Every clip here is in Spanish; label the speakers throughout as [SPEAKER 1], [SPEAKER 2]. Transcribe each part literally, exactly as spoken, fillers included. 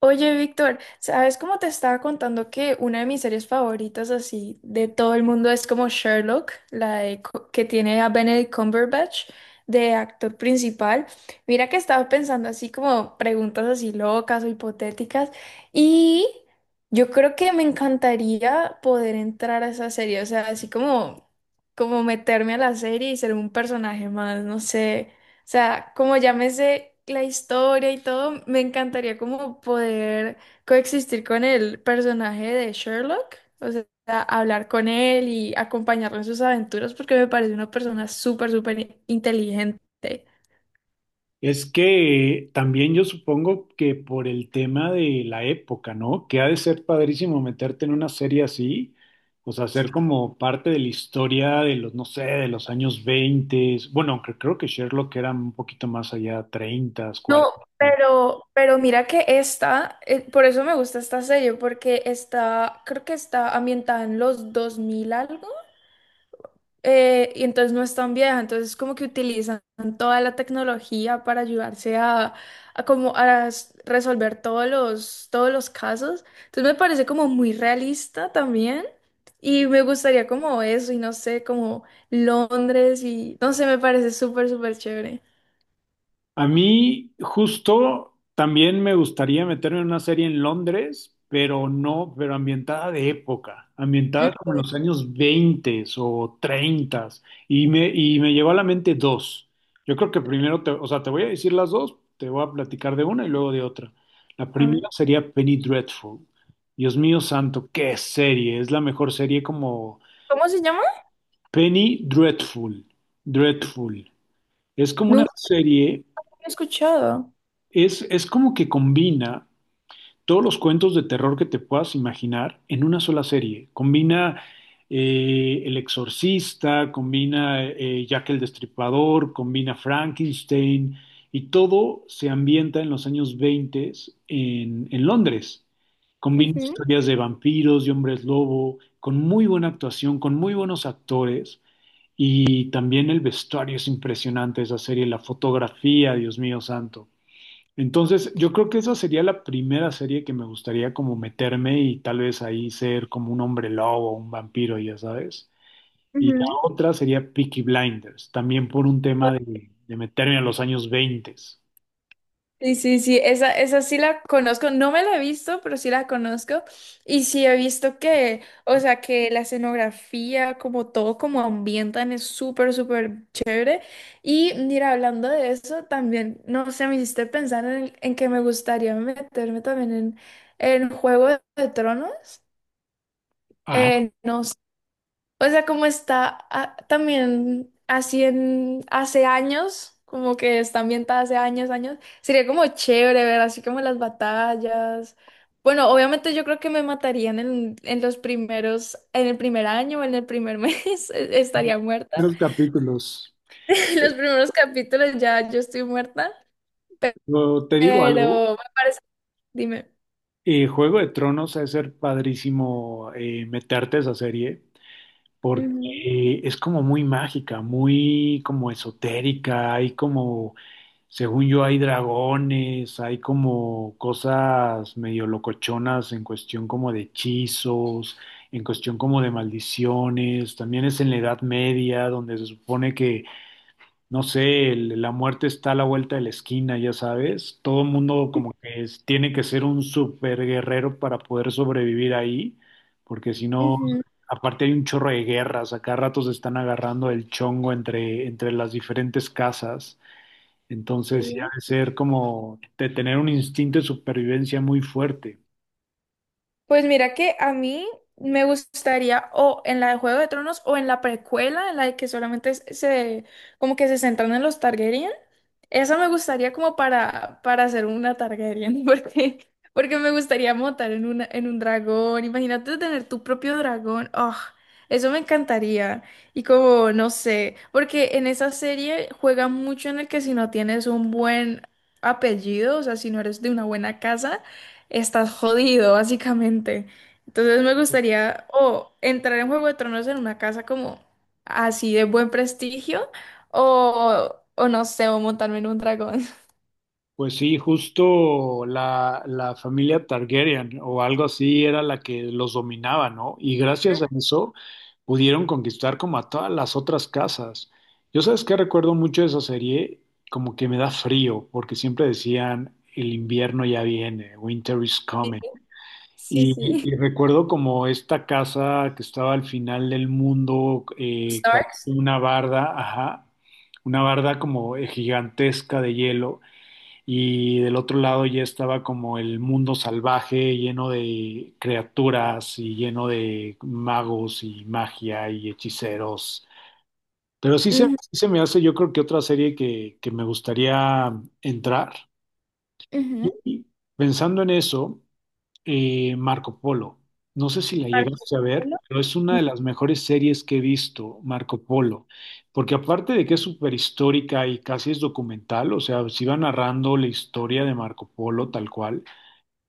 [SPEAKER 1] Oye, Víctor, ¿sabes cómo te estaba contando que una de mis series favoritas así de todo el mundo es como Sherlock, la de co- que tiene a Benedict Cumberbatch de actor principal? Mira que estaba pensando así como preguntas así locas o hipotéticas y yo creo que me encantaría poder entrar a esa serie, o sea, así como como meterme a la serie y ser un personaje más, no sé. O sea, como ya me sé la historia y todo, me encantaría como poder coexistir con el personaje de Sherlock, o sea, hablar con él y acompañarlo en sus aventuras porque me parece una persona súper, súper inteligente.
[SPEAKER 2] Es que también yo supongo que por el tema de la época, ¿no? Que ha de ser padrísimo meterte en una serie así, o sea, ser como parte de la historia de los, no sé, de los años veinte. Bueno, aunque creo que Sherlock era un poquito más allá, treinta.
[SPEAKER 1] No, pero, pero mira que esta, eh, por eso me gusta esta serie, porque está, creo que está ambientada en los dos mil algo. Eh, y entonces no es tan vieja, entonces como que utilizan toda la tecnología para ayudarse a, a como a s- resolver todos los, todos los casos. Entonces me parece como muy realista también y me gustaría como eso y no sé, como Londres y no sé, me parece súper, súper chévere.
[SPEAKER 2] A mí justo también me gustaría meterme en una serie en Londres, pero no, pero ambientada de época, ambientada
[SPEAKER 1] Mm,
[SPEAKER 2] como en los años veinte o treinta. Y me, y me llegó a la mente dos. Yo creo que primero, te, o sea, te voy a decir las dos, te voy a platicar de una y luego de otra. La
[SPEAKER 1] A ver,
[SPEAKER 2] primera sería Penny Dreadful. Dios mío santo, qué serie, es la mejor serie como
[SPEAKER 1] ¿cómo se llama?
[SPEAKER 2] Penny Dreadful, Dreadful. Es como una
[SPEAKER 1] Nunca
[SPEAKER 2] serie.
[SPEAKER 1] lo he escuchado.
[SPEAKER 2] Es, es como que combina todos los cuentos de terror que te puedas imaginar en una sola serie. Combina eh, El Exorcista, combina eh, Jack el Destripador, combina Frankenstein y todo se ambienta en los años veinte en, en Londres. Combina
[SPEAKER 1] Ujú,
[SPEAKER 2] historias de vampiros, de hombres lobo, con muy buena actuación, con muy buenos actores. Y también el vestuario es impresionante, de esa serie, la fotografía, Dios mío santo. Entonces, yo creo que esa sería la primera serie que me gustaría como meterme y tal vez ahí ser como un hombre lobo, un vampiro, ya sabes. Y la
[SPEAKER 1] ujú.
[SPEAKER 2] otra sería Peaky Blinders, también por un tema de, de meterme a los años veinte.
[SPEAKER 1] Sí, sí, sí, esa, esa sí la conozco, no me la he visto, pero sí la conozco. Y sí he visto que, o sea, que la escenografía, como todo, como ambientan, es súper, súper chévere. Y mira, hablando de eso, también, no sé, me hiciste pensar en, en que me gustaría meterme también en, en Juego de Tronos. Eh, no o sea, como está ah, también así en hace años, como que está ambientada hace años, años, sería como chévere ver así como las batallas. Bueno, obviamente yo creo que me matarían en, en los primeros, en el primer año, en el primer mes, e- estaría muerta.
[SPEAKER 2] Tres capítulos.
[SPEAKER 1] En los primeros capítulos ya yo estoy muerta,
[SPEAKER 2] Pero te digo algo.
[SPEAKER 1] pero dime.
[SPEAKER 2] eh, Juego de Tronos ha de ser padrísimo eh, meterte a esa serie porque
[SPEAKER 1] Ujú,
[SPEAKER 2] es como muy mágica, muy como esotérica, hay como, según yo, hay dragones, hay como cosas medio locochonas en cuestión como de hechizos, en cuestión como de maldiciones. También es en la Edad Media, donde se supone que, no sé, el- la muerte está a la vuelta de la esquina, ya sabes. Todo el mundo como que es- tiene que ser un super guerrero para poder sobrevivir ahí, porque si no,
[SPEAKER 1] ujú,
[SPEAKER 2] aparte hay un chorro de guerras, acá ratos están agarrando el chongo entre, entre las diferentes casas. Entonces, sí ha
[SPEAKER 1] sí.
[SPEAKER 2] de ser como de tener un instinto de supervivencia muy fuerte.
[SPEAKER 1] Pues mira que a mí me gustaría o en la de Juego de Tronos o en la precuela, en la de que solamente se, se- como que se centran en los Targaryen. Esa me gustaría como para, para hacer una Targaryen, porque, porque me gustaría montar en una, en un dragón. Imagínate tener tu propio dragón. Oh, eso me encantaría. Y como, no sé, porque en esa serie juega mucho en el que si no tienes un buen apellido, o sea, si no eres de una buena casa estás jodido, básicamente. Entonces me gustaría o entrar en Juego de Tronos en una casa como así de buen prestigio o, o no sé, o montarme en un dragón.
[SPEAKER 2] Pues sí, justo la, la familia Targaryen o algo así era la que los dominaba, ¿no? Y gracias a eso pudieron conquistar como a todas las otras casas. Yo sabes que recuerdo mucho de esa serie, como que me da frío, porque siempre decían, el invierno ya viene, winter is coming.
[SPEAKER 1] Sí,
[SPEAKER 2] Y,
[SPEAKER 1] sí. Sí.
[SPEAKER 2] y recuerdo como esta casa que estaba al final del mundo, eh, que había
[SPEAKER 1] Stark.
[SPEAKER 2] una barda, ajá, una barda como eh, gigantesca de hielo, y del otro lado ya estaba como el mundo salvaje, lleno de criaturas y lleno de magos y magia y hechiceros. Pero sí se,
[SPEAKER 1] Ujú,
[SPEAKER 2] sí se me hace, yo creo que otra serie que, que me gustaría entrar.
[SPEAKER 1] ujú.
[SPEAKER 2] Y pensando en eso, eh, Marco Polo. No sé si la
[SPEAKER 1] tal
[SPEAKER 2] llegaste a ver,
[SPEAKER 1] como-
[SPEAKER 2] pero es una de las mejores series que he visto, Marco Polo, porque aparte de que es súper histórica y casi es documental, o sea, se iba narrando la historia de Marco Polo tal cual.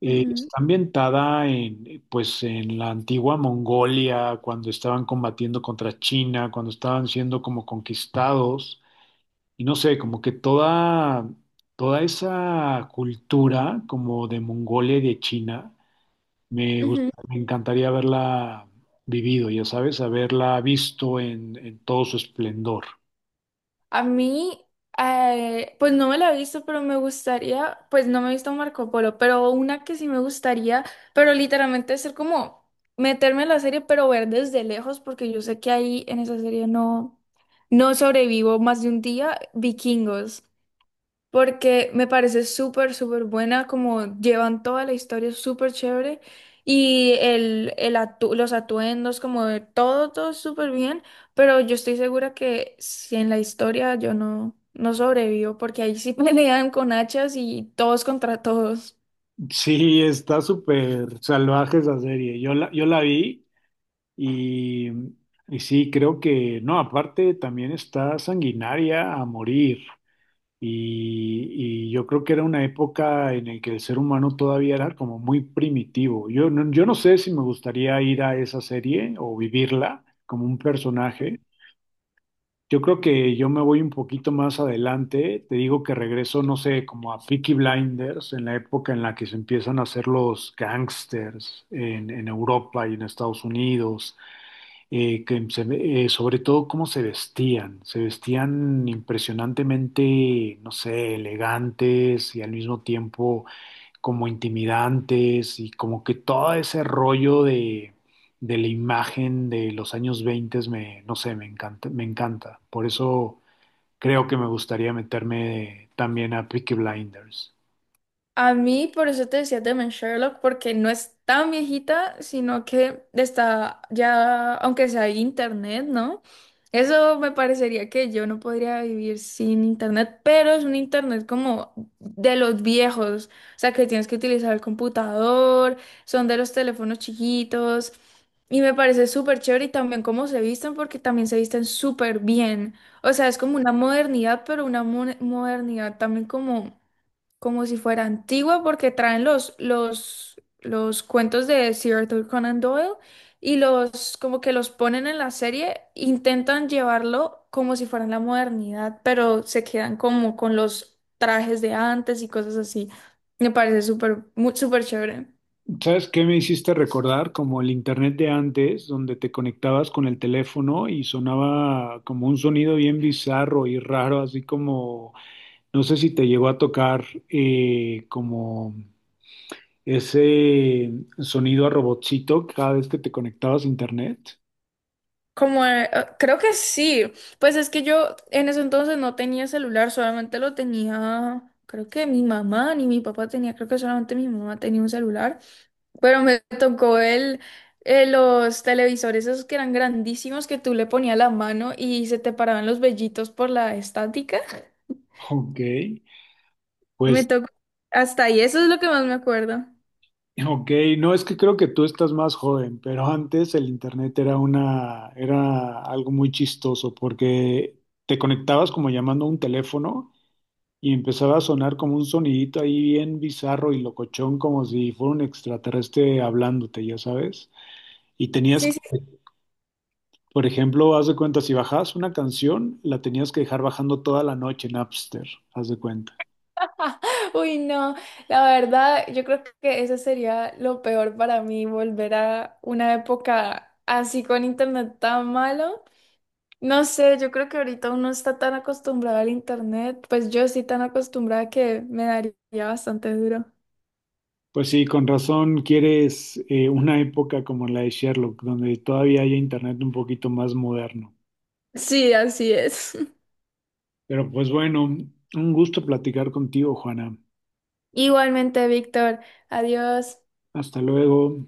[SPEAKER 2] eh,
[SPEAKER 1] Ujú,
[SPEAKER 2] Está ambientada en, pues, en la antigua Mongolia, cuando estaban combatiendo contra China, cuando estaban siendo como conquistados, y no sé, como que toda, toda esa cultura como de Mongolia y de China me gust-
[SPEAKER 1] ujú.
[SPEAKER 2] me encantaría haberla vivido, ya sabes, haberla visto en, en, todo su esplendor.
[SPEAKER 1] A mí, eh, pues no me la he visto, pero me gustaría, pues no me he visto Marco Polo, pero una que sí me gustaría, pero literalmente es ser como meterme en la serie, pero ver desde lejos, porque yo sé que ahí en esa serie no, no sobrevivo más de un día, Vikingos porque me parece súper, súper buena, como llevan toda la historia súper chévere y el, el atu- los atuendos, como de todo, todo súper bien, pero yo estoy segura que si en la historia yo no, no sobrevivo, porque ahí sí pelean con hachas y todos contra todos.
[SPEAKER 2] Sí, está súper salvaje esa serie. Yo la, yo la vi y, y sí, creo que, no, aparte también está sanguinaria a morir. Y, y yo creo que era una época en la que el ser humano todavía era como muy primitivo. Yo no, yo no sé si me gustaría ir a esa serie o vivirla como un personaje. Yo creo que yo me voy un poquito más adelante. Te digo que regreso, no sé, como a Peaky Blinders, en la época en la que se empiezan a hacer los gangsters en, en Europa y en Estados Unidos, eh, que se ve- eh, sobre todo cómo se vestían. Se vestían impresionantemente, no sé, elegantes y al mismo tiempo como intimidantes y como que todo ese rollo de, de la imagen de los años veinte me, no sé, me encanta, me encanta. Por eso creo que me gustaría meterme también a Peaky Blinders.
[SPEAKER 1] A mí, por eso te decía también Sherlock, porque no es tan viejita, sino que está ya, aunque sea internet, ¿no? Eso me parecería que yo no podría vivir sin internet, pero es un internet como de los viejos, o sea, que tienes que utilizar el computador, son de los teléfonos chiquitos, y me parece súper chévere y también cómo se visten, porque también se visten súper bien. O sea, es como una modernidad, pero una mo- modernidad también como como si fuera antigua porque traen los, los, los cuentos de Sir Arthur Conan Doyle y los como que los ponen en la serie, intentan llevarlo como si fuera en la modernidad, pero se quedan como con los trajes de antes y cosas así. Me parece súper, mu- súper chévere.
[SPEAKER 2] ¿Sabes qué me hiciste recordar? Como el internet de antes, donde te conectabas con el teléfono y sonaba como un sonido bien bizarro y raro, así como, no sé si te llegó a tocar, eh, como ese sonido a robotcito cada vez que te conectabas a internet.
[SPEAKER 1] Como, eh, eh, creo que sí. Pues es que yo en ese entonces no tenía celular, solamente lo tenía, creo que mi mamá ni mi papá tenía, creo que solamente mi mamá tenía un celular. Pero me tocó el, eh, los televisores esos que eran grandísimos que tú le ponías la mano y se te paraban los vellitos por la estática.
[SPEAKER 2] Ok,
[SPEAKER 1] Me
[SPEAKER 2] pues,
[SPEAKER 1] tocó hasta ahí, eso es lo que más me acuerdo.
[SPEAKER 2] ok, no es que creo que tú estás más joven, pero antes el internet era una, era algo muy chistoso porque te conectabas como llamando a un teléfono y empezaba a sonar como un sonidito ahí bien bizarro y locochón, como si fuera un extraterrestre hablándote, ya sabes. Y tenías.
[SPEAKER 1] Sí, sí.
[SPEAKER 2] Por ejemplo, haz de cuenta, si bajabas una canción, la tenías que dejar bajando toda la noche en Napster, haz de cuenta.
[SPEAKER 1] Uy, no, la verdad, yo creo que eso sería lo peor para mí, volver a una época así con internet tan malo. No sé, yo creo que ahorita uno está tan acostumbrado al internet, pues yo sí tan acostumbrada que me daría bastante duro.
[SPEAKER 2] Pues sí, con razón quieres eh, una época como la de Sherlock, donde todavía hay internet un poquito más moderno.
[SPEAKER 1] Sí, así es.
[SPEAKER 2] Pero pues bueno, un gusto platicar contigo, Juana.
[SPEAKER 1] Igualmente, Víctor. Adiós.
[SPEAKER 2] Hasta luego.